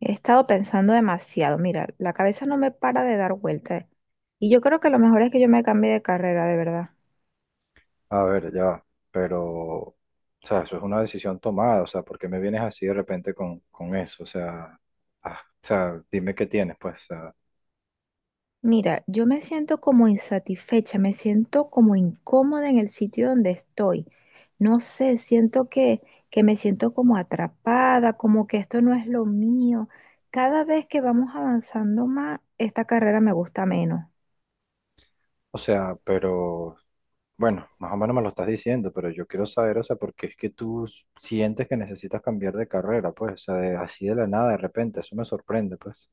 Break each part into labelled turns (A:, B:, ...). A: He estado pensando demasiado. Mira, la cabeza no me para de dar vueltas. Y yo creo que lo mejor es que yo me cambie de carrera, de verdad.
B: A ver, ya, va, pero, o sea, eso es una decisión tomada, o sea, ¿por qué me vienes así de repente con eso? O sea, ah, o sea, dime qué tienes, pues,
A: Mira, yo me siento como insatisfecha, me siento como incómoda en el sitio donde estoy. No sé, siento que me siento como atrapada, como que esto no es lo mío. Cada vez que vamos avanzando más, esta carrera me gusta menos.
B: o sea, pero, bueno, más o menos me lo estás diciendo, pero yo quiero saber, o sea, ¿por qué es que tú sientes que necesitas cambiar de carrera, pues, o sea, así de la nada, de repente, eso me sorprende, pues.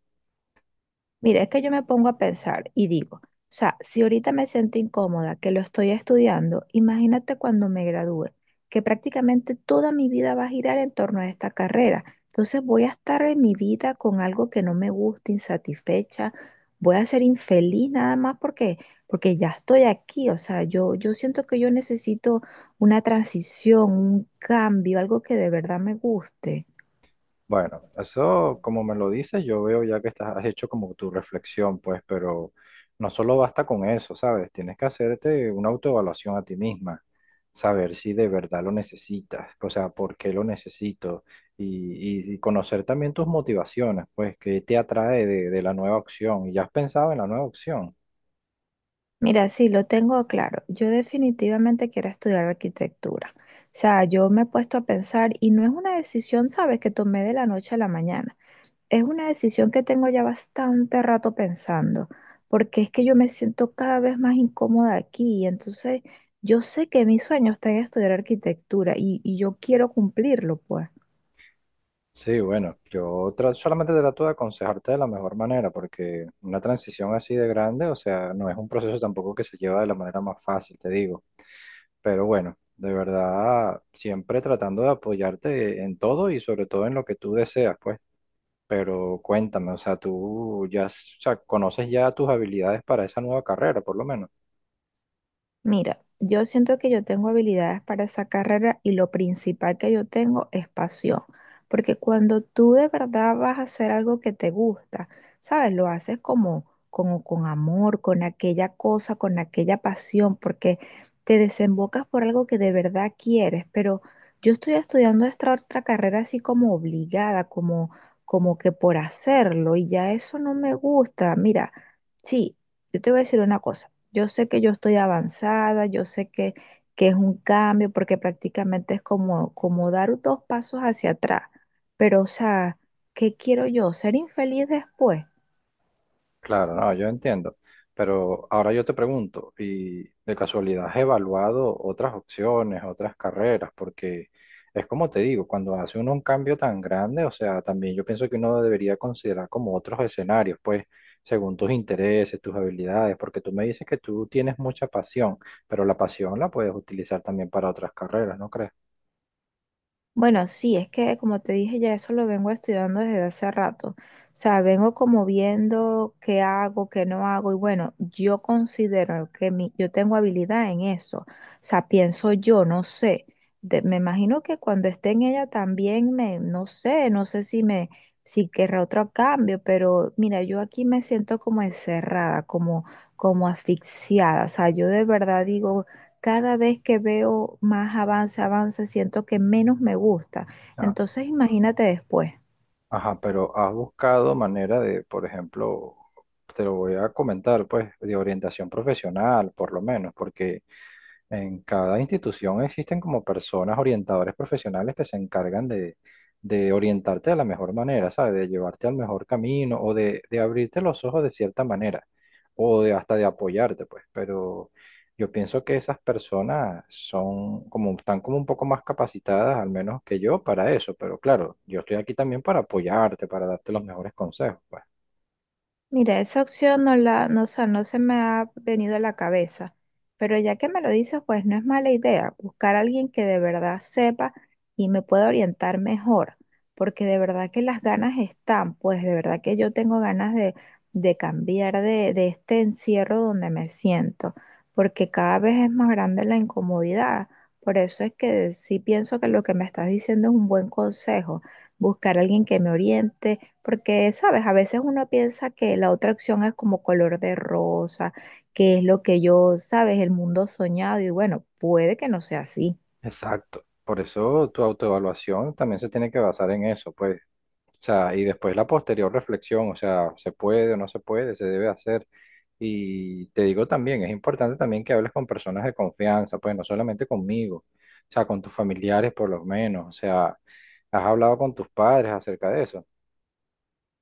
A: Mira, es que yo me pongo a pensar y digo, o sea, si ahorita me siento incómoda que lo estoy estudiando, imagínate cuando me gradúe, que prácticamente toda mi vida va a girar en torno a esta carrera. Entonces voy a estar en mi vida con algo que no me gusta, insatisfecha, voy a ser infeliz nada más porque ya estoy aquí. O sea, yo siento que yo necesito una transición, un cambio, algo que de verdad me guste.
B: Bueno, eso como me lo dices, yo veo ya que estás, has hecho como tu reflexión, pues, pero no solo basta con eso, ¿sabes? Tienes que hacerte una autoevaluación a ti misma, saber si de verdad lo necesitas, o sea, por qué lo necesito y conocer también tus motivaciones, pues, qué te atrae de la nueva opción y ya has pensado en la nueva opción.
A: Mira, sí, lo tengo claro. Yo definitivamente quiero estudiar arquitectura. O sea, yo me he puesto a pensar y no es una decisión, sabes, que tomé de la noche a la mañana. Es una decisión que tengo ya bastante rato pensando, porque es que yo me siento cada vez más incómoda aquí y entonces yo sé que mi sueño está en estudiar arquitectura y yo quiero cumplirlo, pues.
B: Sí, bueno, yo solamente trato de aconsejarte de la mejor manera, porque una transición así de grande, o sea, no es un proceso tampoco que se lleva de la manera más fácil, te digo. Pero bueno, de verdad, siempre tratando de apoyarte en todo y sobre todo en lo que tú deseas, pues. Pero cuéntame, o sea, tú ya, o sea, conoces ya tus habilidades para esa nueva carrera, por lo menos.
A: Mira, yo siento que yo tengo habilidades para esa carrera y lo principal que yo tengo es pasión, porque cuando tú de verdad vas a hacer algo que te gusta, ¿sabes? Lo haces como, como con amor, con aquella cosa, con aquella pasión, porque te desembocas por algo que de verdad quieres, pero yo estoy estudiando esta otra carrera así como obligada, como, como que por hacerlo y ya eso no me gusta. Mira, sí, yo te voy a decir una cosa. Yo sé que yo estoy avanzada, yo sé que es un cambio, porque prácticamente es como, como dar dos pasos hacia atrás. Pero, o sea, ¿qué quiero yo? ¿Ser infeliz después?
B: Claro, no, yo entiendo. Pero ahora yo te pregunto, ¿y de casualidad has evaluado otras opciones, otras carreras? Porque es como te digo, cuando hace uno un cambio tan grande, o sea, también yo pienso que uno debería considerar como otros escenarios, pues, según tus intereses, tus habilidades, porque tú me dices que tú tienes mucha pasión, pero la pasión la puedes utilizar también para otras carreras, ¿no crees?
A: Bueno, sí, es que como te dije, ya eso lo vengo estudiando desde hace rato. O sea, vengo como viendo qué hago, qué no hago. Y bueno, yo considero que mi, yo tengo habilidad en eso. O sea, pienso yo, no sé. Me imagino que cuando esté en ella también me, no sé, no sé si si querrá otro cambio, pero mira, yo aquí me siento como encerrada, como, como asfixiada. O sea, yo de verdad digo, cada vez que veo más avance, avance, siento que menos me gusta. Entonces, imagínate después.
B: Ajá, pero has buscado manera de, por ejemplo, te lo voy a comentar, pues, de orientación profesional, por lo menos, porque en cada institución existen como personas, orientadores profesionales que se encargan de orientarte de la mejor manera, ¿sabes? De llevarte al mejor camino o de abrirte los ojos de cierta manera o de hasta de apoyarte, pues. Pero yo pienso que esas personas son como, están como un poco más capacitadas, al menos que yo, para eso. Pero claro, yo estoy aquí también para apoyarte, para darte los mejores consejos, pues.
A: Mira, esa opción no la, no, o sea, no se me ha venido a la cabeza, pero ya que me lo dices, pues no es mala idea buscar a alguien que de verdad sepa y me pueda orientar mejor, porque de verdad que las ganas están, pues de verdad que yo tengo ganas de cambiar de este encierro donde me siento, porque cada vez es más grande la incomodidad. Por eso es que sí pienso que lo que me estás diciendo es un buen consejo, buscar a alguien que me oriente porque, sabes, a veces uno piensa que la otra opción es como color de rosa, que es lo que yo, sabes, el mundo soñado, y bueno, puede que no sea así.
B: Exacto. Por eso tu autoevaluación también se tiene que basar en eso, pues. O sea, y después la posterior reflexión, o sea, se puede o no se puede, se debe hacer. Y te digo también, es importante también que hables con personas de confianza, pues no solamente conmigo, o sea, con tus familiares por lo menos, o sea, has hablado con tus padres acerca de eso.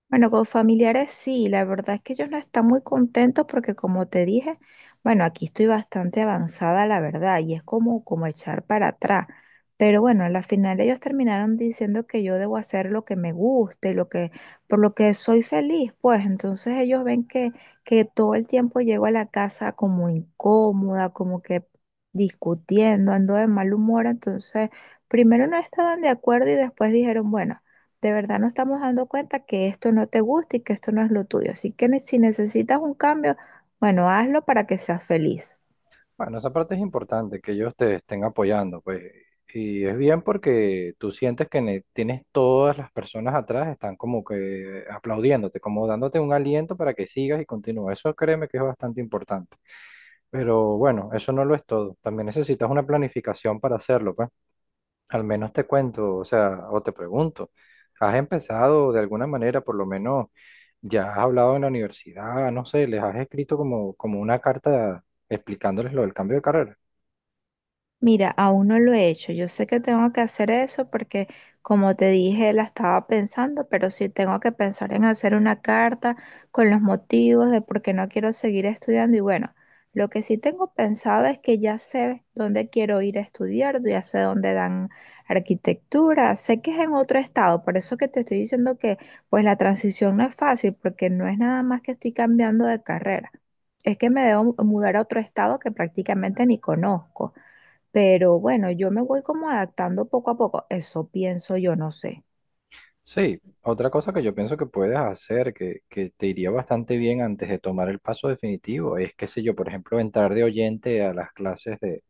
A: Bueno, con familiares sí, la verdad es que ellos no están muy contentos porque como te dije, bueno, aquí estoy bastante avanzada, la verdad, y es como, como echar para atrás. Pero bueno, a la final ellos terminaron diciendo que yo debo hacer lo que me guste, lo que, por lo que soy feliz, pues entonces ellos ven que todo el tiempo llego a la casa como incómoda, como que discutiendo, ando de mal humor, entonces primero no estaban de acuerdo y después dijeron, bueno, de verdad nos estamos dando cuenta que esto no te gusta y que esto no es lo tuyo. Así que si necesitas un cambio, bueno, hazlo para que seas feliz.
B: Bueno, esa parte es importante, que ellos te estén apoyando, pues. Y es bien porque tú sientes que tienes todas las personas atrás, están como que aplaudiéndote, como dándote un aliento para que sigas y continúes. Eso créeme que es bastante importante. Pero bueno, eso no lo es todo. También necesitas una planificación para hacerlo, pues. Al menos te cuento, o sea, o te pregunto, ¿has empezado de alguna manera, por lo menos ya has hablado en la universidad, no sé, les has escrito como, como una carta explicándoles lo del cambio de carrera?
A: Mira, aún no lo he hecho. Yo sé que tengo que hacer eso porque, como te dije, la estaba pensando, pero sí tengo que pensar en hacer una carta con los motivos de por qué no quiero seguir estudiando. Y bueno, lo que sí tengo pensado es que ya sé dónde quiero ir a estudiar, ya sé dónde dan arquitectura, sé que es en otro estado, por eso que te estoy diciendo que pues la transición no es fácil porque no es nada más que estoy cambiando de carrera. Es que me debo mudar a otro estado que prácticamente ni conozco. Pero bueno, yo me voy como adaptando poco a poco. Eso pienso yo, no sé.
B: Sí, otra cosa que yo pienso que puedes hacer, que te iría bastante bien antes de tomar el paso definitivo, es, qué sé yo, por ejemplo, entrar de oyente a las clases de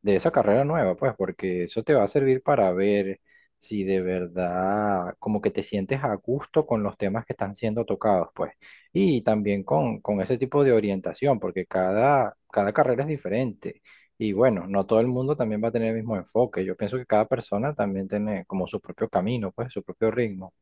B: esa carrera nueva, pues, porque eso te va a servir para ver si de verdad como que te sientes a gusto con los temas que están siendo tocados, pues, y también con ese tipo de orientación, porque cada carrera es diferente. Y bueno, no todo el mundo también va a tener el mismo enfoque. Yo pienso que cada persona también tiene como su propio camino, pues, su propio ritmo.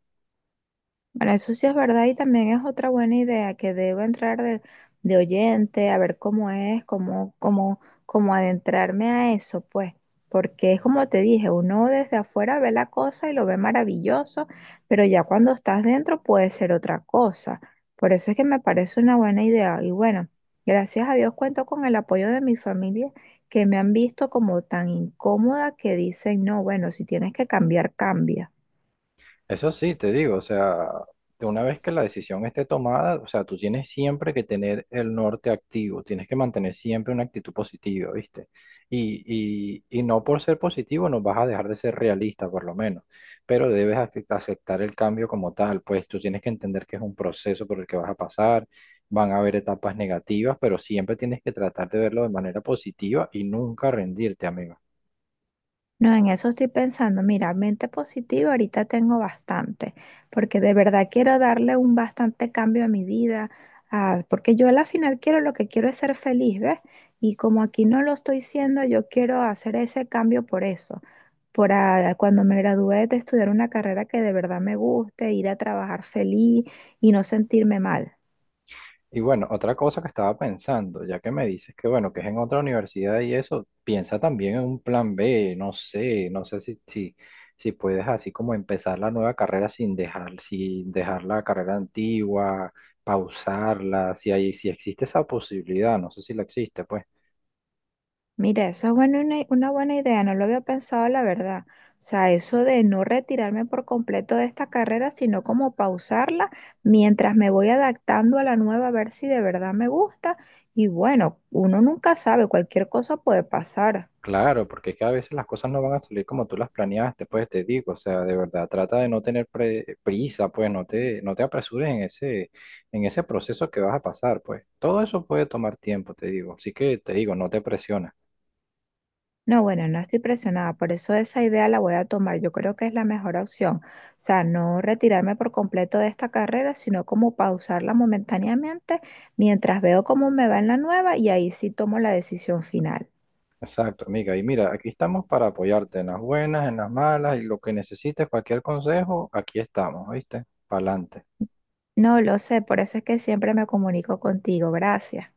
A: Bueno, eso sí es verdad y también es otra buena idea que debo entrar de oyente a ver cómo es, cómo, cómo, cómo adentrarme a eso, pues, porque es como te dije, uno desde afuera ve la cosa y lo ve maravilloso, pero ya cuando estás dentro puede ser otra cosa. Por eso es que me parece una buena idea y bueno, gracias a Dios cuento con el apoyo de mi familia que me han visto como tan incómoda que dicen, no, bueno, si tienes que cambiar, cambia.
B: Eso sí, te digo, o sea, de una vez que la decisión esté tomada, o sea, tú tienes siempre que tener el norte activo, tienes que mantener siempre una actitud positiva, ¿viste? Y, y no por ser positivo no vas a dejar de ser realista, por lo menos, pero debes aceptar el cambio como tal, pues tú tienes que entender que es un proceso por el que vas a pasar, van a haber etapas negativas, pero siempre tienes que tratar de verlo de manera positiva y nunca rendirte, amigo.
A: No, en eso estoy pensando. Mira, mente positiva, ahorita tengo bastante, porque de verdad quiero darle un bastante cambio a mi vida, ah, porque yo a la final quiero lo que quiero es ser feliz, ¿ves? Y como aquí no lo estoy siendo, yo quiero hacer ese cambio por eso, por ah, cuando me gradúe de estudiar una carrera que de verdad me guste, ir a trabajar feliz y no sentirme mal.
B: Y bueno, otra cosa que estaba pensando, ya que me dices que bueno, que es en otra universidad y eso, piensa también en un plan B, no sé, no sé si, puedes así como empezar la nueva carrera sin dejar la carrera antigua, pausarla, si hay, si existe esa posibilidad, no sé si la existe, pues.
A: Mira, eso es buena una buena idea, no lo había pensado, la verdad. O sea, eso de no retirarme por completo de esta carrera, sino como pausarla mientras me voy adaptando a la nueva, a ver si de verdad me gusta. Y bueno, uno nunca sabe, cualquier cosa puede pasar.
B: Claro, porque es que a veces las cosas no van a salir como tú las planeaste, pues te digo, o sea, de verdad, trata de no tener prisa, pues no te apresures en ese, proceso que vas a pasar, pues todo eso puede tomar tiempo, te digo, así que te digo, no te presiones.
A: No, bueno, no estoy presionada, por eso esa idea la voy a tomar. Yo creo que es la mejor opción. O sea, no retirarme por completo de esta carrera, sino como pausarla momentáneamente mientras veo cómo me va en la nueva y ahí sí tomo la decisión final.
B: Exacto, amiga, y mira, aquí estamos para apoyarte en las buenas, en las malas, y lo que necesites, cualquier consejo, aquí estamos, ¿oíste? Pa'lante.
A: No lo sé, por eso es que siempre me comunico contigo. Gracias.